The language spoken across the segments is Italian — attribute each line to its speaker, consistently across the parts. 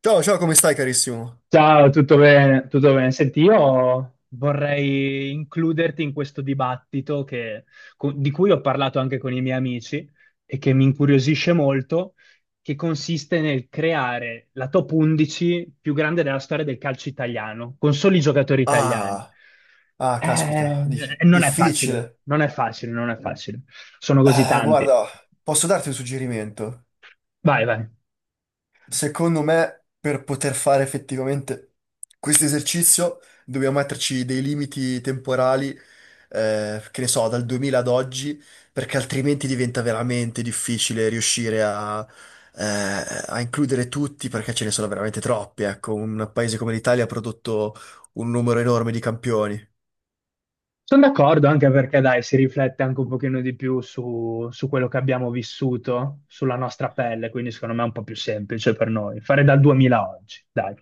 Speaker 1: Ciao, ciao, come stai carissimo?
Speaker 2: Ciao, tutto bene? Tutto bene. Senti, io vorrei includerti in questo dibattito di cui ho parlato anche con i miei amici e che mi incuriosisce molto, che consiste nel creare la top 11 più grande della storia del calcio italiano, con soli giocatori italiani.
Speaker 1: Ah, ah, caspita,
Speaker 2: Non è facile,
Speaker 1: difficile.
Speaker 2: non è facile, non è facile. Sono così tanti.
Speaker 1: Guarda, posso darti un suggerimento?
Speaker 2: Vai, vai.
Speaker 1: Secondo me, per poter fare effettivamente questo esercizio, dobbiamo metterci dei limiti temporali, che ne so, dal 2000 ad oggi, perché altrimenti diventa veramente difficile riuscire a, a includere tutti, perché ce ne sono veramente troppi. Ecco, un paese come l'Italia ha prodotto un numero enorme di campioni.
Speaker 2: Sono d'accordo anche perché dai, si riflette anche un pochino di più su quello che abbiamo vissuto, sulla nostra pelle, quindi secondo me è un po' più semplice per noi. Fare dal 2000 a oggi, dai.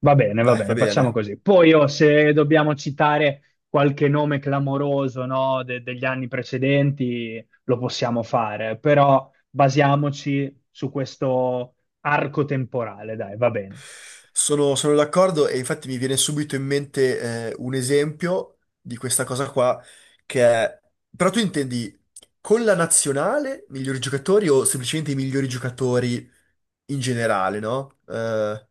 Speaker 2: Va
Speaker 1: Dai, va
Speaker 2: bene, facciamo
Speaker 1: bene.
Speaker 2: così. Poi oh, se dobbiamo citare qualche nome clamoroso, no, degli anni precedenti, lo possiamo fare, però basiamoci su questo arco temporale, dai, va bene.
Speaker 1: Sono d'accordo e infatti mi viene subito in mente un esempio di questa cosa qua, che è... Però tu intendi con la nazionale migliori giocatori o semplicemente i migliori giocatori in generale, no?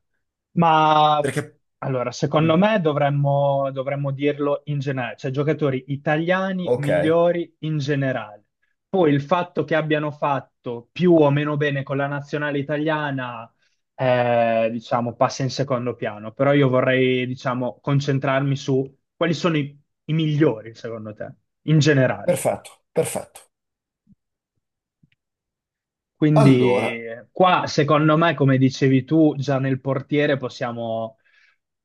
Speaker 2: Ma
Speaker 1: Perché...
Speaker 2: allora,
Speaker 1: Mm,
Speaker 2: secondo me dovremmo dirlo in generale, cioè giocatori italiani
Speaker 1: ok,
Speaker 2: migliori in generale. Poi il fatto che abbiano fatto più o meno bene con la nazionale italiana, diciamo, passa in secondo piano, però io vorrei, diciamo, concentrarmi su quali sono i migliori, secondo te, in generale.
Speaker 1: perfetto, perfetto.
Speaker 2: Quindi
Speaker 1: Allora,
Speaker 2: qua, secondo me, come dicevi tu, già nel portiere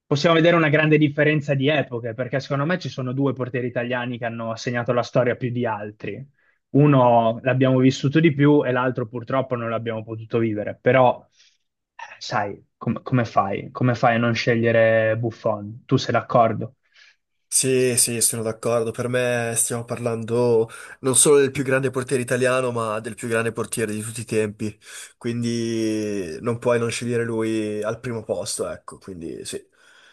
Speaker 2: possiamo vedere una grande differenza di epoche, perché secondo me ci sono due portieri italiani che hanno segnato la storia più di altri. Uno l'abbiamo vissuto di più e l'altro purtroppo non l'abbiamo potuto vivere, però sai, come fai? Come fai a non scegliere Buffon? Tu sei d'accordo?
Speaker 1: sì, sì, sono d'accordo. Per me stiamo parlando non solo del più grande portiere italiano, ma del più grande portiere di tutti i tempi. Quindi non puoi non scegliere lui al primo posto, ecco. Quindi sì.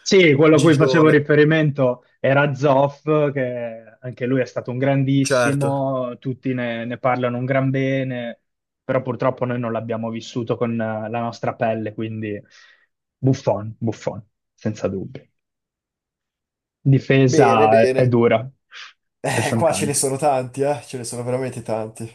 Speaker 2: Sì, quello a cui facevo
Speaker 1: Gigione,
Speaker 2: riferimento era Zoff, che anche lui è stato un
Speaker 1: certo.
Speaker 2: grandissimo, tutti ne parlano un gran bene, però purtroppo noi non l'abbiamo vissuto con la nostra pelle, quindi Buffon, Buffon, senza dubbio.
Speaker 1: Bene,
Speaker 2: Difesa è
Speaker 1: bene.
Speaker 2: dura, ce ne sono
Speaker 1: Qua ce ne
Speaker 2: tante.
Speaker 1: sono tanti, eh? Ce ne sono veramente tanti.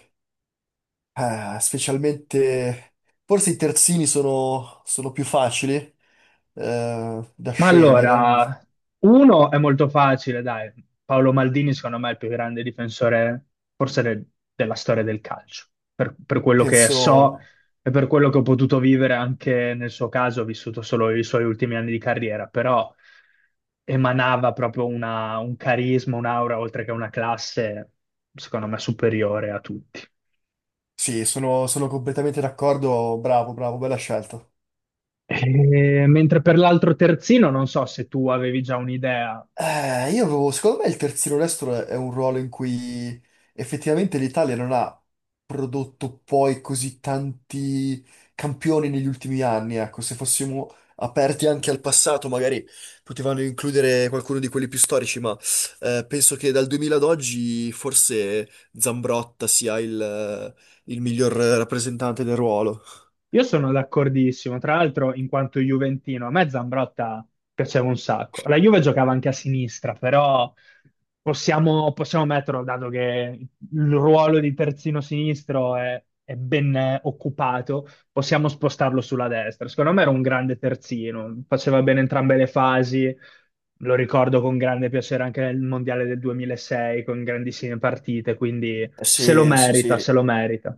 Speaker 1: Specialmente... Forse i terzini sono, sono più facili da
Speaker 2: Ma
Speaker 1: scegliere. Mi-
Speaker 2: allora, uno è molto facile, dai. Paolo Maldini, secondo me, è il più grande difensore, forse della storia del calcio, per quello che so
Speaker 1: penso...
Speaker 2: e per quello che ho potuto vivere anche nel suo caso, ho vissuto solo i suoi ultimi anni di carriera, però emanava proprio un carisma, un'aura, oltre che una classe, secondo me, superiore a tutti.
Speaker 1: Sì, sono, sono completamente d'accordo. Bravo, bravo, bella scelta.
Speaker 2: Mentre per l'altro terzino, non so se tu avevi già un'idea.
Speaker 1: Io avevo, secondo me il terzino destro è un ruolo in cui effettivamente l'Italia non ha prodotto poi così tanti campioni negli ultimi anni. Ecco, se fossimo aperti anche al passato, magari potevano includere qualcuno di quelli più storici, ma penso che dal 2000 ad oggi forse Zambrotta sia il miglior rappresentante del ruolo.
Speaker 2: Io sono d'accordissimo, tra l'altro in quanto juventino, a me Zambrotta piaceva un sacco. La Juve giocava anche a sinistra, però possiamo metterlo, dato che il ruolo di terzino sinistro è ben occupato, possiamo spostarlo sulla destra. Secondo me era un grande terzino, faceva bene entrambe le fasi, lo ricordo con grande piacere anche nel Mondiale del 2006, con grandissime partite, quindi se lo
Speaker 1: Sì, sì, sì,
Speaker 2: merita, se lo merita.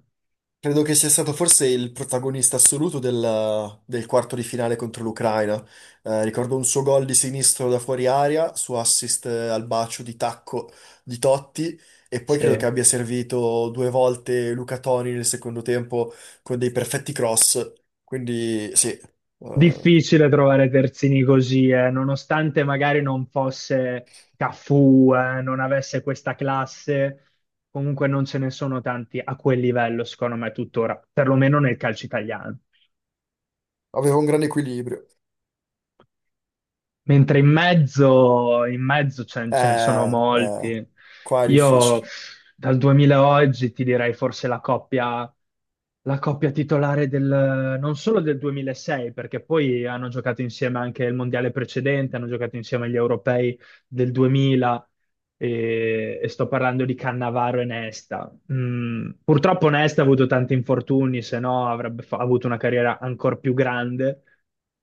Speaker 1: credo che sia stato forse il protagonista assoluto del quarto di finale contro l'Ucraina. Ricordo un suo gol di sinistro da fuori aria, suo assist al bacio di tacco di Totti e poi credo
Speaker 2: Sì.
Speaker 1: che abbia servito due volte Luca Toni nel secondo tempo con dei perfetti cross. Quindi sì,
Speaker 2: Difficile trovare terzini così, nonostante magari non fosse Cafu, non avesse questa classe, comunque non ce ne sono tanti a quel livello, secondo me, tuttora, perlomeno nel calcio italiano.
Speaker 1: aveva un grande equilibrio.
Speaker 2: Mentre in mezzo ce ne sono
Speaker 1: Eh, eh,
Speaker 2: molti.
Speaker 1: qua è
Speaker 2: Io
Speaker 1: difficile.
Speaker 2: pff, dal 2000 a oggi ti direi forse la coppia titolare del, non solo del 2006, perché poi hanno giocato insieme anche il mondiale precedente, hanno giocato insieme agli europei del 2000 e sto parlando di Cannavaro e Nesta. Mm, purtroppo Nesta ha avuto tanti infortuni, se no avuto una carriera ancora più grande,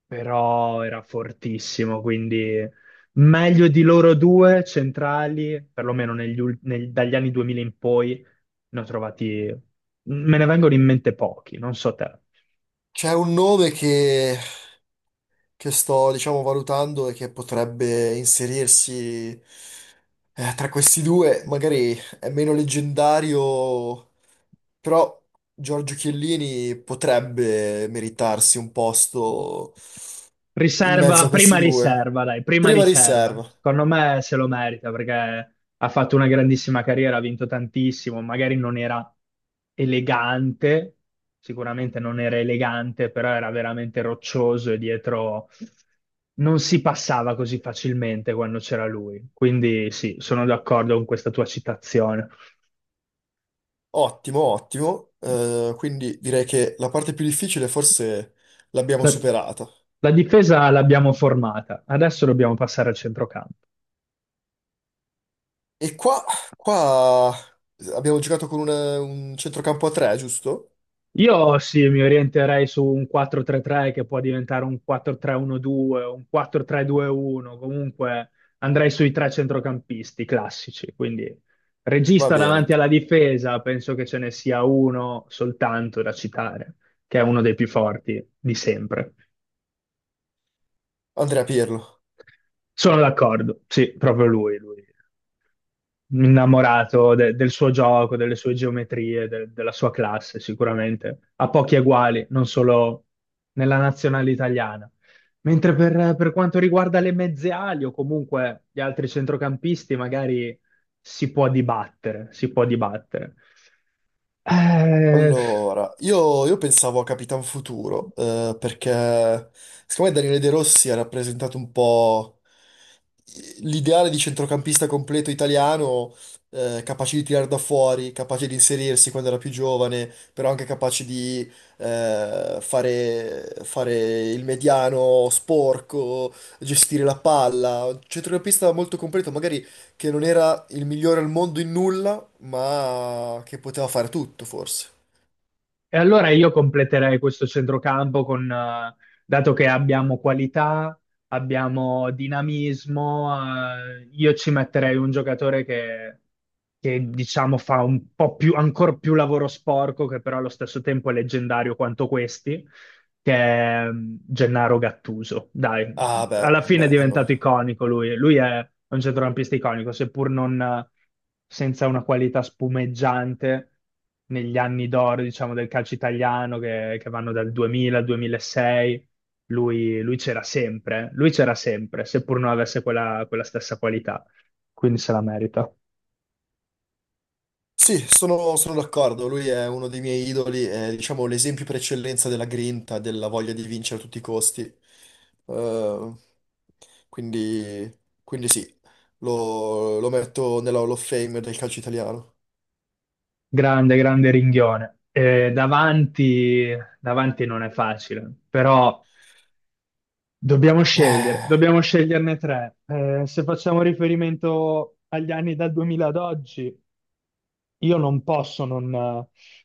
Speaker 2: però era fortissimo, quindi meglio di loro due centrali, perlomeno dagli anni 2000 in poi, ne ho trovati, me ne vengono in mente pochi, non so te.
Speaker 1: C'è un nome che sto, diciamo, valutando e che potrebbe inserirsi tra questi due. Magari è meno leggendario, però Giorgio Chiellini potrebbe meritarsi un posto in mezzo
Speaker 2: Riserva,
Speaker 1: a
Speaker 2: prima
Speaker 1: questi due.
Speaker 2: riserva, dai, prima
Speaker 1: Prima
Speaker 2: riserva.
Speaker 1: riserva,
Speaker 2: Secondo me se lo merita perché ha fatto una grandissima carriera, ha vinto tantissimo, magari non era elegante, sicuramente non era elegante, però era veramente roccioso e dietro non si passava così facilmente quando c'era lui. Quindi sì, sono d'accordo con questa tua citazione.
Speaker 1: ottimo, ottimo. Quindi direi che la parte più difficile forse l'abbiamo
Speaker 2: La,
Speaker 1: superata.
Speaker 2: la difesa l'abbiamo formata, adesso dobbiamo passare al centrocampo.
Speaker 1: E qua, qua abbiamo giocato con un centrocampo a tre, giusto?
Speaker 2: Io sì, mi orienterei su un 4-3-3 che può diventare un 4-3-1-2, un 4-3-2-1, comunque andrei sui tre centrocampisti classici, quindi
Speaker 1: Va
Speaker 2: regista
Speaker 1: bene.
Speaker 2: davanti alla difesa, penso che ce ne sia uno soltanto da citare, che è uno dei più forti di sempre.
Speaker 1: Andrea Pirlo.
Speaker 2: Sono d'accordo, sì, proprio lui, lui. Innamorato del suo gioco, delle sue geometrie, della sua classe, sicuramente. Ha pochi eguali, non solo nella nazionale italiana. Mentre per quanto riguarda le mezze ali o comunque gli altri centrocampisti, magari si può dibattere, si può dibattere. Eh,
Speaker 1: Allora, io pensavo a Capitan Futuro, perché secondo me Daniele De Rossi ha rappresentato un po' l'ideale di centrocampista completo italiano, capace di tirare da fuori, capace di inserirsi quando era più giovane, però anche capace di fare, fare il mediano sporco, gestire la palla. Un centrocampista molto completo, magari che non era il migliore al mondo in nulla, ma che poteva fare tutto, forse.
Speaker 2: E allora io completerei questo centrocampo con, dato che abbiamo qualità, abbiamo dinamismo, io ci metterei un giocatore che, diciamo fa un po' più, ancora più lavoro sporco, che però allo stesso tempo è leggendario quanto questi, che è mm, Gennaro Gattuso. Dai,
Speaker 1: Ah, beh,
Speaker 2: alla fine è
Speaker 1: beh, no.
Speaker 2: diventato iconico lui. Lui è un centrocampista iconico, seppur non senza una qualità spumeggiante negli anni d'oro, diciamo, del calcio italiano che vanno dal 2000 al 2006. Lui c'era sempre, eh. Lui c'era sempre, seppur non avesse quella stessa qualità. Quindi se la merita.
Speaker 1: Sì, sono, sono d'accordo. Lui è uno dei miei idoli, è diciamo l'esempio per eccellenza della grinta, della voglia di vincere a tutti i costi. Eh, quindi, quindi sì, lo, lo metto nella Hall of Fame del calcio italiano.
Speaker 2: Grande, grande ringhione. Davanti, davanti non è facile, però dobbiamo scegliere,
Speaker 1: Eh,
Speaker 2: dobbiamo sceglierne tre. Se facciamo riferimento agli anni dal 2000 ad oggi, io non posso non...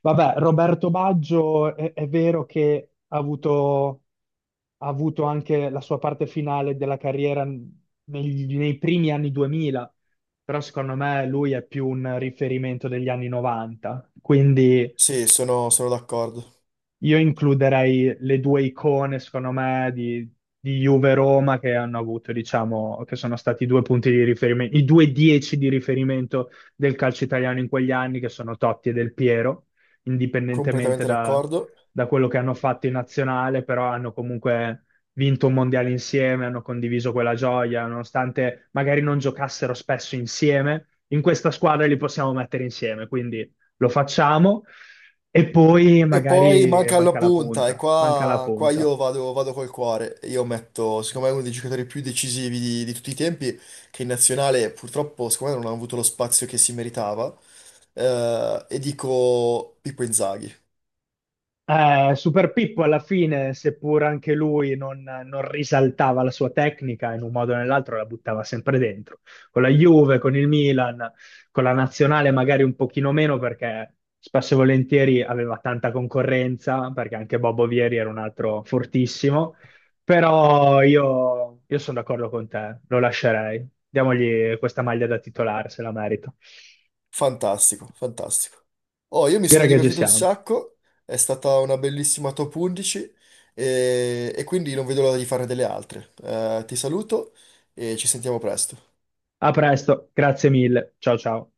Speaker 2: Vabbè, Roberto Baggio è vero che ha ha avuto anche la sua parte finale della carriera nei primi anni 2000, però secondo me lui è più un riferimento degli anni 90, quindi
Speaker 1: sì, sono sono d'accordo,
Speaker 2: io includerei le due icone, secondo me, di Juve-Roma che hanno avuto, diciamo, che sono stati i due punti di riferimento, i due dieci di riferimento del calcio italiano in quegli anni, che sono Totti e Del Piero, indipendentemente
Speaker 1: completamente d'accordo.
Speaker 2: da quello che hanno fatto in nazionale, però hanno comunque vinto un mondiale insieme, hanno condiviso quella gioia, nonostante magari non giocassero spesso insieme, in questa squadra li possiamo mettere insieme, quindi lo facciamo. E poi
Speaker 1: E poi
Speaker 2: magari
Speaker 1: manca alla
Speaker 2: manca la
Speaker 1: punta, e
Speaker 2: punta, manca la
Speaker 1: qua, qua
Speaker 2: punta.
Speaker 1: io vado, vado col cuore. Io metto, secondo me, uno dei giocatori più decisivi di tutti i tempi, che in nazionale purtroppo, secondo me, non ha avuto lo spazio che si meritava. E dico Pippo Inzaghi.
Speaker 2: Super Pippo alla fine, seppur anche lui non risaltava la sua tecnica, in un modo o nell'altro la buttava sempre dentro. Con la Juve, con il Milan, con la nazionale magari un pochino meno perché spesso e volentieri aveva tanta concorrenza, perché anche Bobo Vieri era un altro fortissimo. Però io sono d'accordo con te, lo lascerei. Diamogli questa maglia da titolare, se la merita.
Speaker 1: Fantastico, fantastico. Oh, io mi sono
Speaker 2: Direi che ci
Speaker 1: divertito un
Speaker 2: siamo.
Speaker 1: sacco, è stata una bellissima top 11 e quindi non vedo l'ora di fare delle altre. Ti saluto e ci sentiamo presto.
Speaker 2: A presto, grazie mille. Ciao ciao.